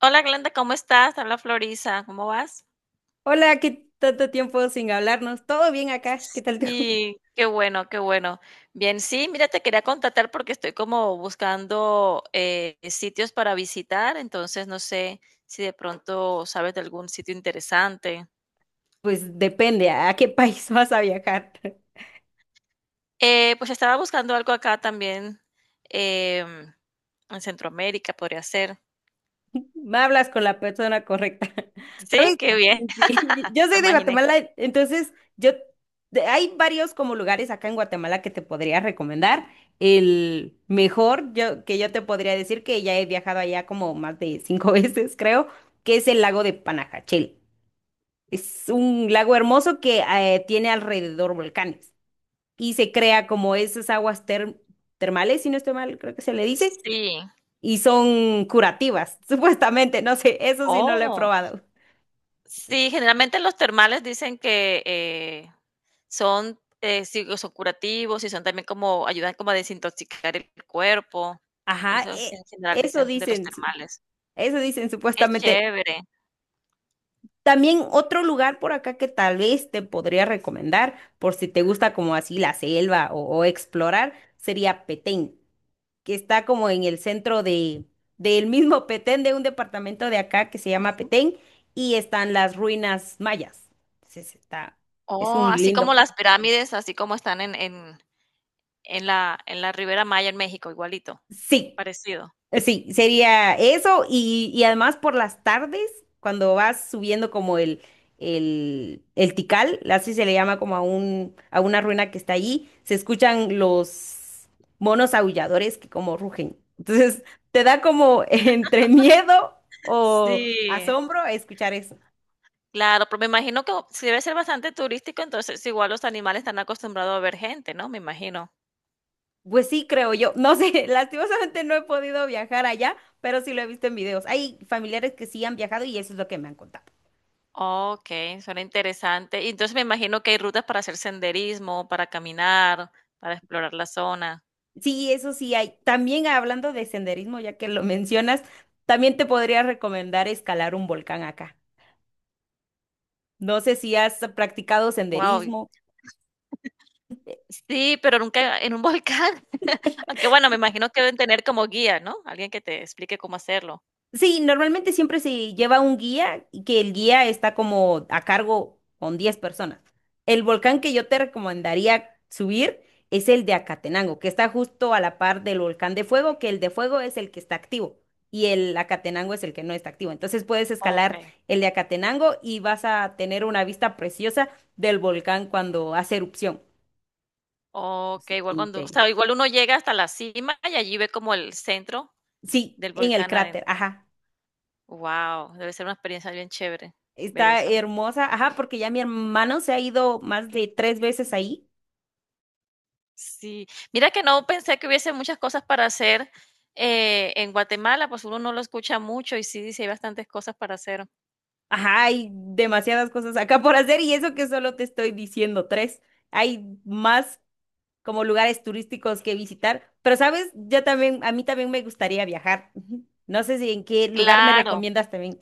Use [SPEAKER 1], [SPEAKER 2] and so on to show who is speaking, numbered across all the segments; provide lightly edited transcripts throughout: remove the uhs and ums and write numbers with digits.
[SPEAKER 1] Hola Glenda, ¿cómo estás? Habla Florisa, ¿cómo vas?
[SPEAKER 2] Hola, qué tanto tiempo sin hablarnos. ¿Todo bien acá? ¿Qué tal tú?
[SPEAKER 1] Sí, qué bueno, qué bueno. Bien, sí, mira, te quería contactar porque estoy como buscando sitios para visitar, entonces no sé si de pronto sabes de algún sitio interesante.
[SPEAKER 2] Pues depende a qué país vas a viajar.
[SPEAKER 1] Pues estaba buscando algo acá también em, en Centroamérica, podría ser.
[SPEAKER 2] Me hablas con la persona correcta.
[SPEAKER 1] Sí,
[SPEAKER 2] ¿Sabes?
[SPEAKER 1] qué bien,
[SPEAKER 2] Sí, yo
[SPEAKER 1] lo
[SPEAKER 2] soy de
[SPEAKER 1] imaginé.
[SPEAKER 2] Guatemala. Entonces hay varios como lugares acá en Guatemala que te podría recomendar. El mejor que yo te podría decir, que ya he viajado allá como más de cinco veces, creo, que es el lago de Panajachel. Es un lago hermoso que tiene alrededor volcanes. Y se crea como esas aguas termales, si no estoy mal, creo que se le dice,
[SPEAKER 1] Sí.
[SPEAKER 2] y son curativas, supuestamente. No sé, eso sí no lo he
[SPEAKER 1] Oh.
[SPEAKER 2] probado. Sí.
[SPEAKER 1] Sí, generalmente los termales dicen que, son, sí, son curativos y son también como ayudan como a desintoxicar el cuerpo.
[SPEAKER 2] Ajá,
[SPEAKER 1] Eso es, en general
[SPEAKER 2] eso
[SPEAKER 1] dicen de los
[SPEAKER 2] dicen, su-
[SPEAKER 1] termales.
[SPEAKER 2] eso dicen
[SPEAKER 1] Qué
[SPEAKER 2] supuestamente.
[SPEAKER 1] chévere.
[SPEAKER 2] También otro lugar por acá que tal vez te podría recomendar, por si te gusta como así la selva o explorar, sería Petén, que está como en el centro del mismo Petén, de un departamento de acá que se llama
[SPEAKER 1] Ujú.
[SPEAKER 2] Petén, y están las ruinas mayas. Entonces está, es
[SPEAKER 1] Oh,
[SPEAKER 2] un
[SPEAKER 1] así
[SPEAKER 2] lindo
[SPEAKER 1] como las
[SPEAKER 2] pasaje.
[SPEAKER 1] pirámides, así como están en la Ribera Maya en México, igualito,
[SPEAKER 2] Sí.
[SPEAKER 1] parecido.
[SPEAKER 2] Sí, sería eso y además por las tardes, cuando vas subiendo como el, Tikal, así se le llama como a una ruina que está allí, se escuchan los monos aulladores que como rugen. Entonces, te da como entre miedo o
[SPEAKER 1] Sí,
[SPEAKER 2] asombro a escuchar eso.
[SPEAKER 1] claro, pero me imagino que si debe ser bastante turístico, entonces igual los animales están acostumbrados a ver gente, ¿no? Me imagino.
[SPEAKER 2] Pues sí, creo yo. No sé, lastimosamente no he podido viajar allá, pero sí lo he visto en videos. Hay familiares que sí han viajado y eso es lo que me han contado.
[SPEAKER 1] Okey, suena interesante. Y entonces me imagino que hay rutas para hacer senderismo, para caminar, para explorar la zona.
[SPEAKER 2] Sí, eso sí hay. También hablando de senderismo, ya que lo mencionas, también te podría recomendar escalar un volcán acá. No sé si has practicado
[SPEAKER 1] Wow.
[SPEAKER 2] senderismo.
[SPEAKER 1] Sí, pero nunca en un volcán. Aunque bueno, me imagino que deben tener como guía, ¿no? Alguien que te explique cómo hacerlo.
[SPEAKER 2] Sí, normalmente siempre se lleva un guía, y que el guía está como a cargo con 10 personas. El volcán que yo te recomendaría subir es el de Acatenango, que está justo a la par del volcán de Fuego, que el de Fuego es el que está activo y el Acatenango es el que no está activo. Entonces puedes escalar
[SPEAKER 1] Okey,
[SPEAKER 2] el de Acatenango y vas a tener una vista preciosa del volcán cuando hace erupción. Sí,
[SPEAKER 1] Okey,
[SPEAKER 2] te
[SPEAKER 1] igual cuando o
[SPEAKER 2] inter-
[SPEAKER 1] sea, igual uno llega hasta la cima y allí ve como el centro
[SPEAKER 2] sí,
[SPEAKER 1] del
[SPEAKER 2] en el
[SPEAKER 1] volcán
[SPEAKER 2] cráter,
[SPEAKER 1] adentro.
[SPEAKER 2] ajá.
[SPEAKER 1] Wow. Debe ser una experiencia bien chévere ver
[SPEAKER 2] Está
[SPEAKER 1] eso.
[SPEAKER 2] hermosa, ajá, porque ya mi hermano se ha ido más de tres veces ahí.
[SPEAKER 1] Sí, mira que no pensé que hubiese muchas cosas para hacer en Guatemala, pues uno no lo escucha mucho y sí, dice hay bastantes cosas para hacer.
[SPEAKER 2] Ajá, hay demasiadas cosas acá por hacer, y eso que solo te estoy diciendo tres. Hay más como lugares turísticos que visitar, pero sabes, yo también, a mí también me gustaría viajar. Ujú. No sé si en qué lugar me
[SPEAKER 1] Claro,
[SPEAKER 2] recomiendas también.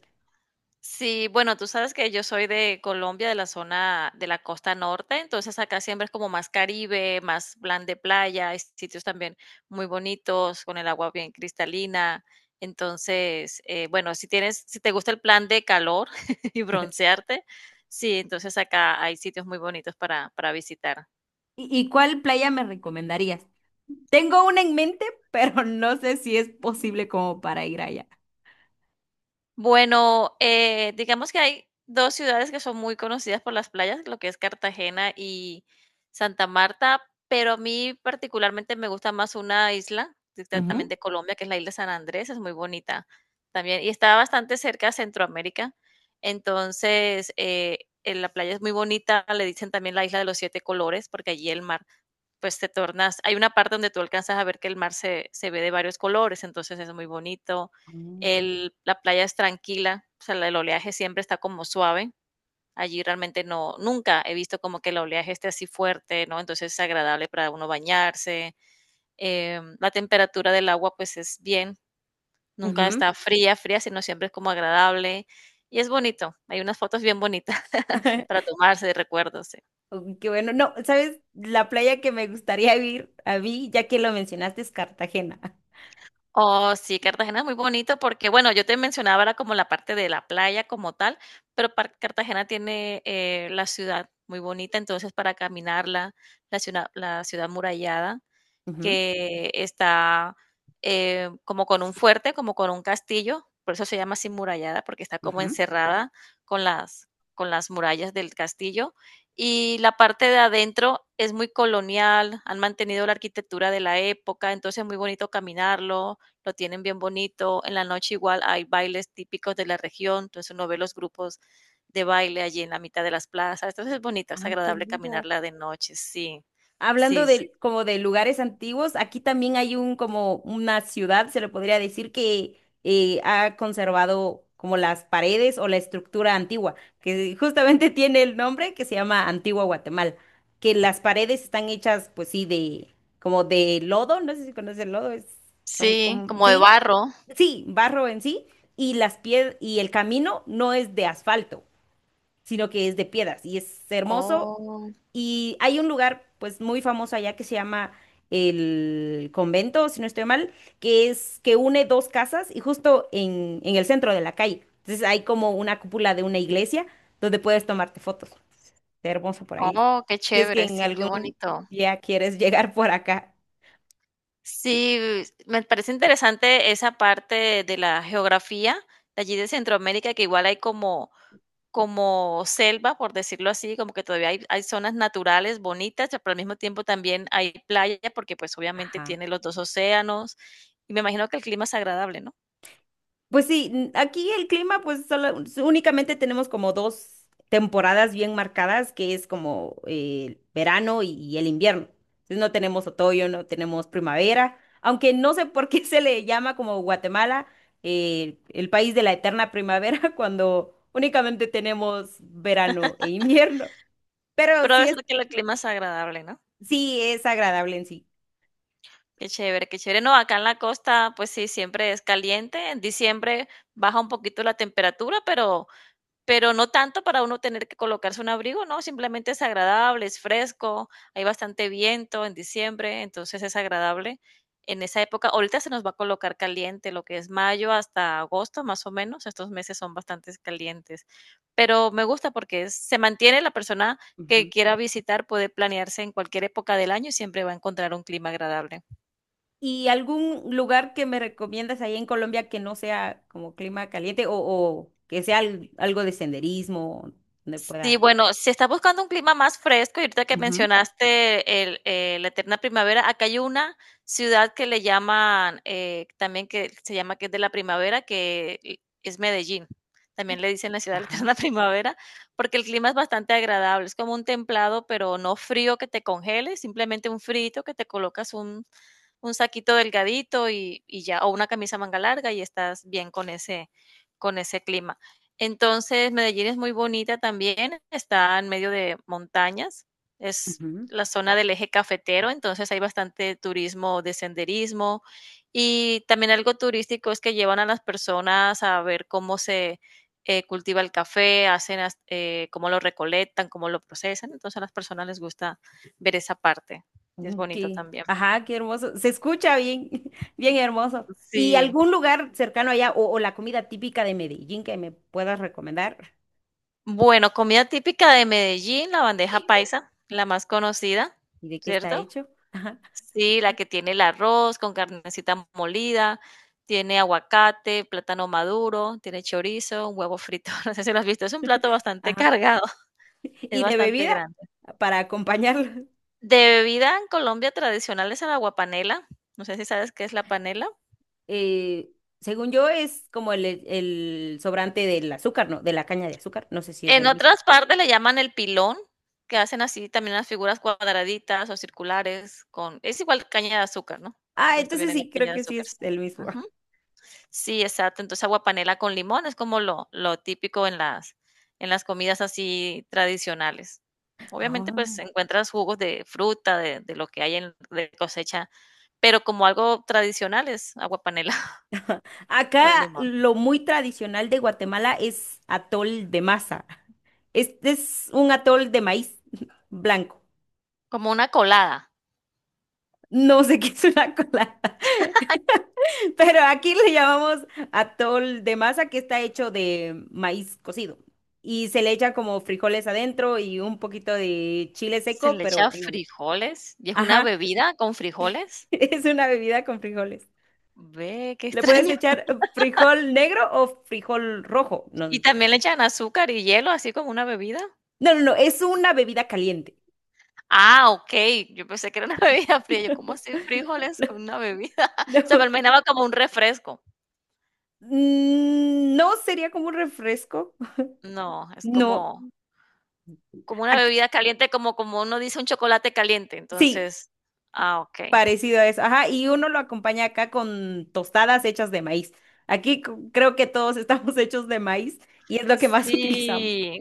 [SPEAKER 1] sí, bueno, tú sabes que yo soy de Colombia, de la zona de la costa norte, entonces acá siempre es como más Caribe, más plan de playa, hay sitios también muy bonitos, con el agua bien cristalina. Entonces, bueno, si tienes, si te gusta el plan de calor y broncearte, sí, entonces acá hay sitios muy bonitos para visitar.
[SPEAKER 2] ¿Y cuál playa me recomendarías? Tengo una en mente, pero no sé si es posible como para ir allá.
[SPEAKER 1] Bueno, digamos que hay dos ciudades que son muy conocidas por las playas, lo que es Cartagena y Santa Marta, pero a mí particularmente me gusta más una isla,
[SPEAKER 2] Ujú.
[SPEAKER 1] exactamente Colombia, que es la isla San Andrés, es muy bonita también y está bastante cerca a Centroamérica. Entonces, la playa es muy bonita, le dicen también la isla de los siete colores, porque allí el mar pues te tornas, hay una parte donde tú alcanzas a ver que el mar se ve de varios colores, entonces es muy bonito. La playa es tranquila, o sea, el oleaje siempre está como suave. Allí realmente no, nunca he visto como que el oleaje esté así fuerte, ¿no? Entonces es agradable para uno bañarse. La temperatura del agua pues es bien, nunca
[SPEAKER 2] Ujú.
[SPEAKER 1] está fría, sino siempre es como agradable y es bonito. Hay unas fotos bien bonitas para tomarse de recuerdos. Sí.
[SPEAKER 2] Uy, qué bueno. No, ¿sabes? La playa que me gustaría ir a mí, ya que lo mencionaste, es Cartagena.
[SPEAKER 1] Oh, sí, Cartagena es muy bonito porque, bueno, yo te mencionaba era como la parte de la playa como tal, pero par- Cartagena tiene la ciudad muy bonita, entonces para caminarla, la ciudad murallada
[SPEAKER 2] Ujú,
[SPEAKER 1] que está como con un fuerte, como con un castillo, por eso se llama así murallada, porque está como
[SPEAKER 2] ujú.
[SPEAKER 1] encerrada con las, con las murallas del castillo. Y la parte de adentro es muy colonial, han mantenido la arquitectura de la época, entonces es muy bonito caminarlo, lo tienen bien bonito. En la noche igual hay bailes típicos de la región, entonces uno ve los grupos de baile allí en la mitad de las plazas, entonces es bonito, es
[SPEAKER 2] Ay, qué
[SPEAKER 1] agradable
[SPEAKER 2] lindo.
[SPEAKER 1] caminarla de noche,
[SPEAKER 2] Hablando
[SPEAKER 1] sí,
[SPEAKER 2] de como de lugares antiguos, aquí también hay un como una ciudad, se le podría decir, que ha conservado como las paredes o la estructura antigua, que justamente tiene el nombre, que se llama Antigua Guatemala, que las paredes están hechas, pues sí, de como de lodo. No sé si conoces el lodo, es, son
[SPEAKER 1] sí,
[SPEAKER 2] como,
[SPEAKER 1] como de
[SPEAKER 2] sí,
[SPEAKER 1] barro.
[SPEAKER 2] sí, barro en sí, y las piedras y el camino no es de asfalto, sino que es de piedras, y es hermoso.
[SPEAKER 1] Oh,
[SPEAKER 2] Y hay un lugar, pues, muy famoso allá que se llama el convento, si no estoy mal, que es que une dos casas y justo en el centro de la calle. Entonces hay como una cúpula de una iglesia donde puedes tomarte fotos. Está hermoso por ahí.
[SPEAKER 1] oh, qué
[SPEAKER 2] Si es que
[SPEAKER 1] chévere,
[SPEAKER 2] en
[SPEAKER 1] sí, qué
[SPEAKER 2] algún
[SPEAKER 1] bonito.
[SPEAKER 2] día quieres llegar por acá.
[SPEAKER 1] Sí, me parece interesante esa parte de la geografía de allí de Centroamérica, que igual hay como como selva, por decirlo así, como que todavía hay zonas naturales bonitas, pero al mismo tiempo también hay playa, porque pues obviamente
[SPEAKER 2] Ajá.
[SPEAKER 1] tiene los dos océanos, y me imagino que el clima es agradable, ¿no?
[SPEAKER 2] Pues sí, aquí el clima, pues únicamente tenemos como dos temporadas bien marcadas, que es como el verano y el invierno. Entonces no tenemos otoño, no tenemos primavera, aunque no sé por qué se le llama como Guatemala el país de la eterna primavera cuando únicamente tenemos verano e invierno. Pero
[SPEAKER 1] Pero debe ser que el clima es agradable, ¿no?
[SPEAKER 2] sí es agradable en sí.
[SPEAKER 1] Qué chévere, qué chévere. No, acá en la costa, pues sí, siempre es caliente. En diciembre baja un poquito la temperatura, pero no tanto para uno tener que colocarse un abrigo, no, simplemente es agradable, es fresco, hay bastante viento en diciembre, entonces es agradable en esa época. Ahorita se nos va a colocar caliente, lo que es mayo hasta agosto, más o menos. Estos meses son bastante calientes, pero me gusta porque es- se mantiene la persona que quiera visitar, puede planearse en cualquier época del año y siempre va a encontrar un clima agradable.
[SPEAKER 2] ¿Y algún lugar que me recomiendas ahí en Colombia que no sea como clima caliente o que sea algo de senderismo donde
[SPEAKER 1] Sí,
[SPEAKER 2] pueda?
[SPEAKER 1] bueno, si estás buscando un clima más fresco, y ahorita que
[SPEAKER 2] Ujú,
[SPEAKER 1] mencionaste la eterna primavera, acá hay una ciudad que le llaman, también que se llama que es de la primavera, que es Medellín. También le dicen la ciudad de la
[SPEAKER 2] ajá.
[SPEAKER 1] eterna primavera, porque el clima es bastante agradable. Es como un templado, pero no frío que te congele, simplemente un frito que te colocas un saquito delgadito y ya, o una camisa manga larga y estás bien con ese clima. Entonces, Medellín es muy bonita también, está en medio de montañas, es
[SPEAKER 2] Ujú,
[SPEAKER 1] la zona del eje cafetero, entonces hay bastante turismo de senderismo y también algo turístico es que llevan a las personas a ver cómo se cultiva el café, hacen as- cómo lo recolectan, cómo lo procesan, entonces a las personas les gusta ver esa parte y es
[SPEAKER 2] ujú,
[SPEAKER 1] bonito también.
[SPEAKER 2] ajá, qué hermoso. Se escucha bien, bien hermoso. ¿Y
[SPEAKER 1] Sí.
[SPEAKER 2] algún lugar cercano allá o la comida típica de Medellín que me puedas recomendar?
[SPEAKER 1] Bueno, comida típica de Medellín, la bandeja paisa, la más conocida,
[SPEAKER 2] ¿Y de qué está
[SPEAKER 1] ¿cierto?
[SPEAKER 2] hecho? Ajá,
[SPEAKER 1] Sí, la que tiene el arroz con carnecita molida, tiene aguacate, plátano maduro, tiene chorizo, un huevo frito. No sé si lo has visto, es un plato bastante
[SPEAKER 2] ajá.
[SPEAKER 1] cargado, es
[SPEAKER 2] ¿Y de
[SPEAKER 1] bastante
[SPEAKER 2] bebida
[SPEAKER 1] grande.
[SPEAKER 2] para acompañarlo?
[SPEAKER 1] De bebida en Colombia tradicional es el agua. No sé si sabes qué es la panela.
[SPEAKER 2] eh, según yo, es como el sobrante del azúcar, ¿no? De la caña de azúcar. No sé si es
[SPEAKER 1] En
[SPEAKER 2] el mismo.
[SPEAKER 1] otras partes le llaman el pilón, que hacen así también las figuras cuadraditas o circulares con es igual caña de azúcar, ¿no?
[SPEAKER 2] Ah,
[SPEAKER 1] Todo esto
[SPEAKER 2] entonces
[SPEAKER 1] viene de la
[SPEAKER 2] sí,
[SPEAKER 1] caña
[SPEAKER 2] creo
[SPEAKER 1] de
[SPEAKER 2] que sí
[SPEAKER 1] azúcar,
[SPEAKER 2] es
[SPEAKER 1] sí.
[SPEAKER 2] el mismo.
[SPEAKER 1] Ujú. Sí, exacto. Entonces, aguapanela con limón es como lo típico en las comidas así tradicionales. Obviamente,
[SPEAKER 2] Ah.
[SPEAKER 1] pues, encuentras jugos de fruta, de lo que hay en de cosecha, pero como algo tradicional es aguapanela con
[SPEAKER 2] Acá
[SPEAKER 1] limón.
[SPEAKER 2] lo muy tradicional de Guatemala es atol de masa. Este es un atol de maíz blanco.
[SPEAKER 1] Como una colada,
[SPEAKER 2] No sé qué es una colada, pero aquí le llamamos atol de masa, que está hecho de maíz cocido, y se le echa como frijoles adentro y un poquito de chile
[SPEAKER 1] se
[SPEAKER 2] seco,
[SPEAKER 1] le echa
[SPEAKER 2] pero en agua.
[SPEAKER 1] frijoles, y es una
[SPEAKER 2] Ajá,
[SPEAKER 1] bebida con frijoles.
[SPEAKER 2] es una bebida con frijoles.
[SPEAKER 1] Ve, qué
[SPEAKER 2] Le puedes
[SPEAKER 1] extraño.
[SPEAKER 2] echar frijol negro o frijol rojo. No,
[SPEAKER 1] ¿Y
[SPEAKER 2] no,
[SPEAKER 1] también le echan azúcar y hielo, así como una bebida?
[SPEAKER 2] no, no, es una bebida caliente.
[SPEAKER 1] Ah, okey, yo pensé que era una bebida fría, yo, ¿cómo así frijoles con una bebida?
[SPEAKER 2] No,
[SPEAKER 1] O sea, me lo imaginaba como un refresco.
[SPEAKER 2] no sería como un refresco.
[SPEAKER 1] No, es
[SPEAKER 2] No,
[SPEAKER 1] como como una
[SPEAKER 2] ac-
[SPEAKER 1] bebida caliente, como como uno dice un chocolate caliente,
[SPEAKER 2] sí,
[SPEAKER 1] entonces ah, okey.
[SPEAKER 2] parecido a eso. Ajá, y uno lo acompaña acá con tostadas hechas de maíz. Aquí creo que todos estamos hechos de maíz y es lo que más utilizamos.
[SPEAKER 1] Sí.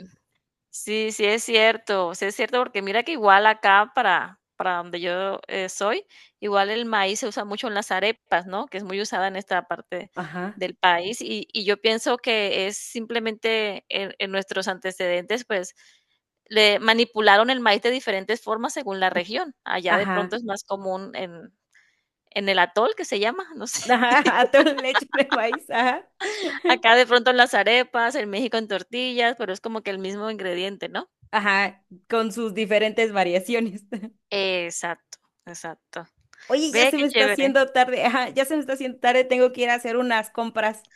[SPEAKER 1] Sí, sí es cierto, porque mira que igual acá para donde yo soy, igual el maíz se usa mucho en las arepas, ¿no? Que es muy usada en esta parte
[SPEAKER 2] Ajá,
[SPEAKER 1] del país y yo pienso que es simplemente en nuestros antecedentes, pues le manipularon el maíz de diferentes formas según la región. Allá de
[SPEAKER 2] ajá,
[SPEAKER 1] pronto es más común en el atol que se llama, no sé.
[SPEAKER 2] ajá, atole leche de maíz, ajá,
[SPEAKER 1] Acá de pronto en las arepas, en México en tortillas, pero es como que el mismo ingrediente, ¿no?
[SPEAKER 2] ajá, con sus diferentes variaciones.
[SPEAKER 1] Exacto, exacto.
[SPEAKER 2] Oye, ya
[SPEAKER 1] Ve,
[SPEAKER 2] se me
[SPEAKER 1] qué
[SPEAKER 2] está
[SPEAKER 1] chévere.
[SPEAKER 2] haciendo tarde, ajá, ya se me está haciendo tarde, tengo que ir a hacer unas compras.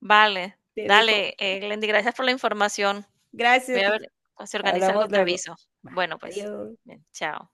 [SPEAKER 1] Vale,
[SPEAKER 2] Te dejo.
[SPEAKER 1] dale, Glendy, gracias por la información.
[SPEAKER 2] Gracias a
[SPEAKER 1] Voy a
[SPEAKER 2] ti.
[SPEAKER 1] ver, si organiza algo
[SPEAKER 2] Hablamos
[SPEAKER 1] te
[SPEAKER 2] luego.
[SPEAKER 1] aviso.
[SPEAKER 2] Va,
[SPEAKER 1] Bueno, pues,
[SPEAKER 2] adiós.
[SPEAKER 1] bien, chao.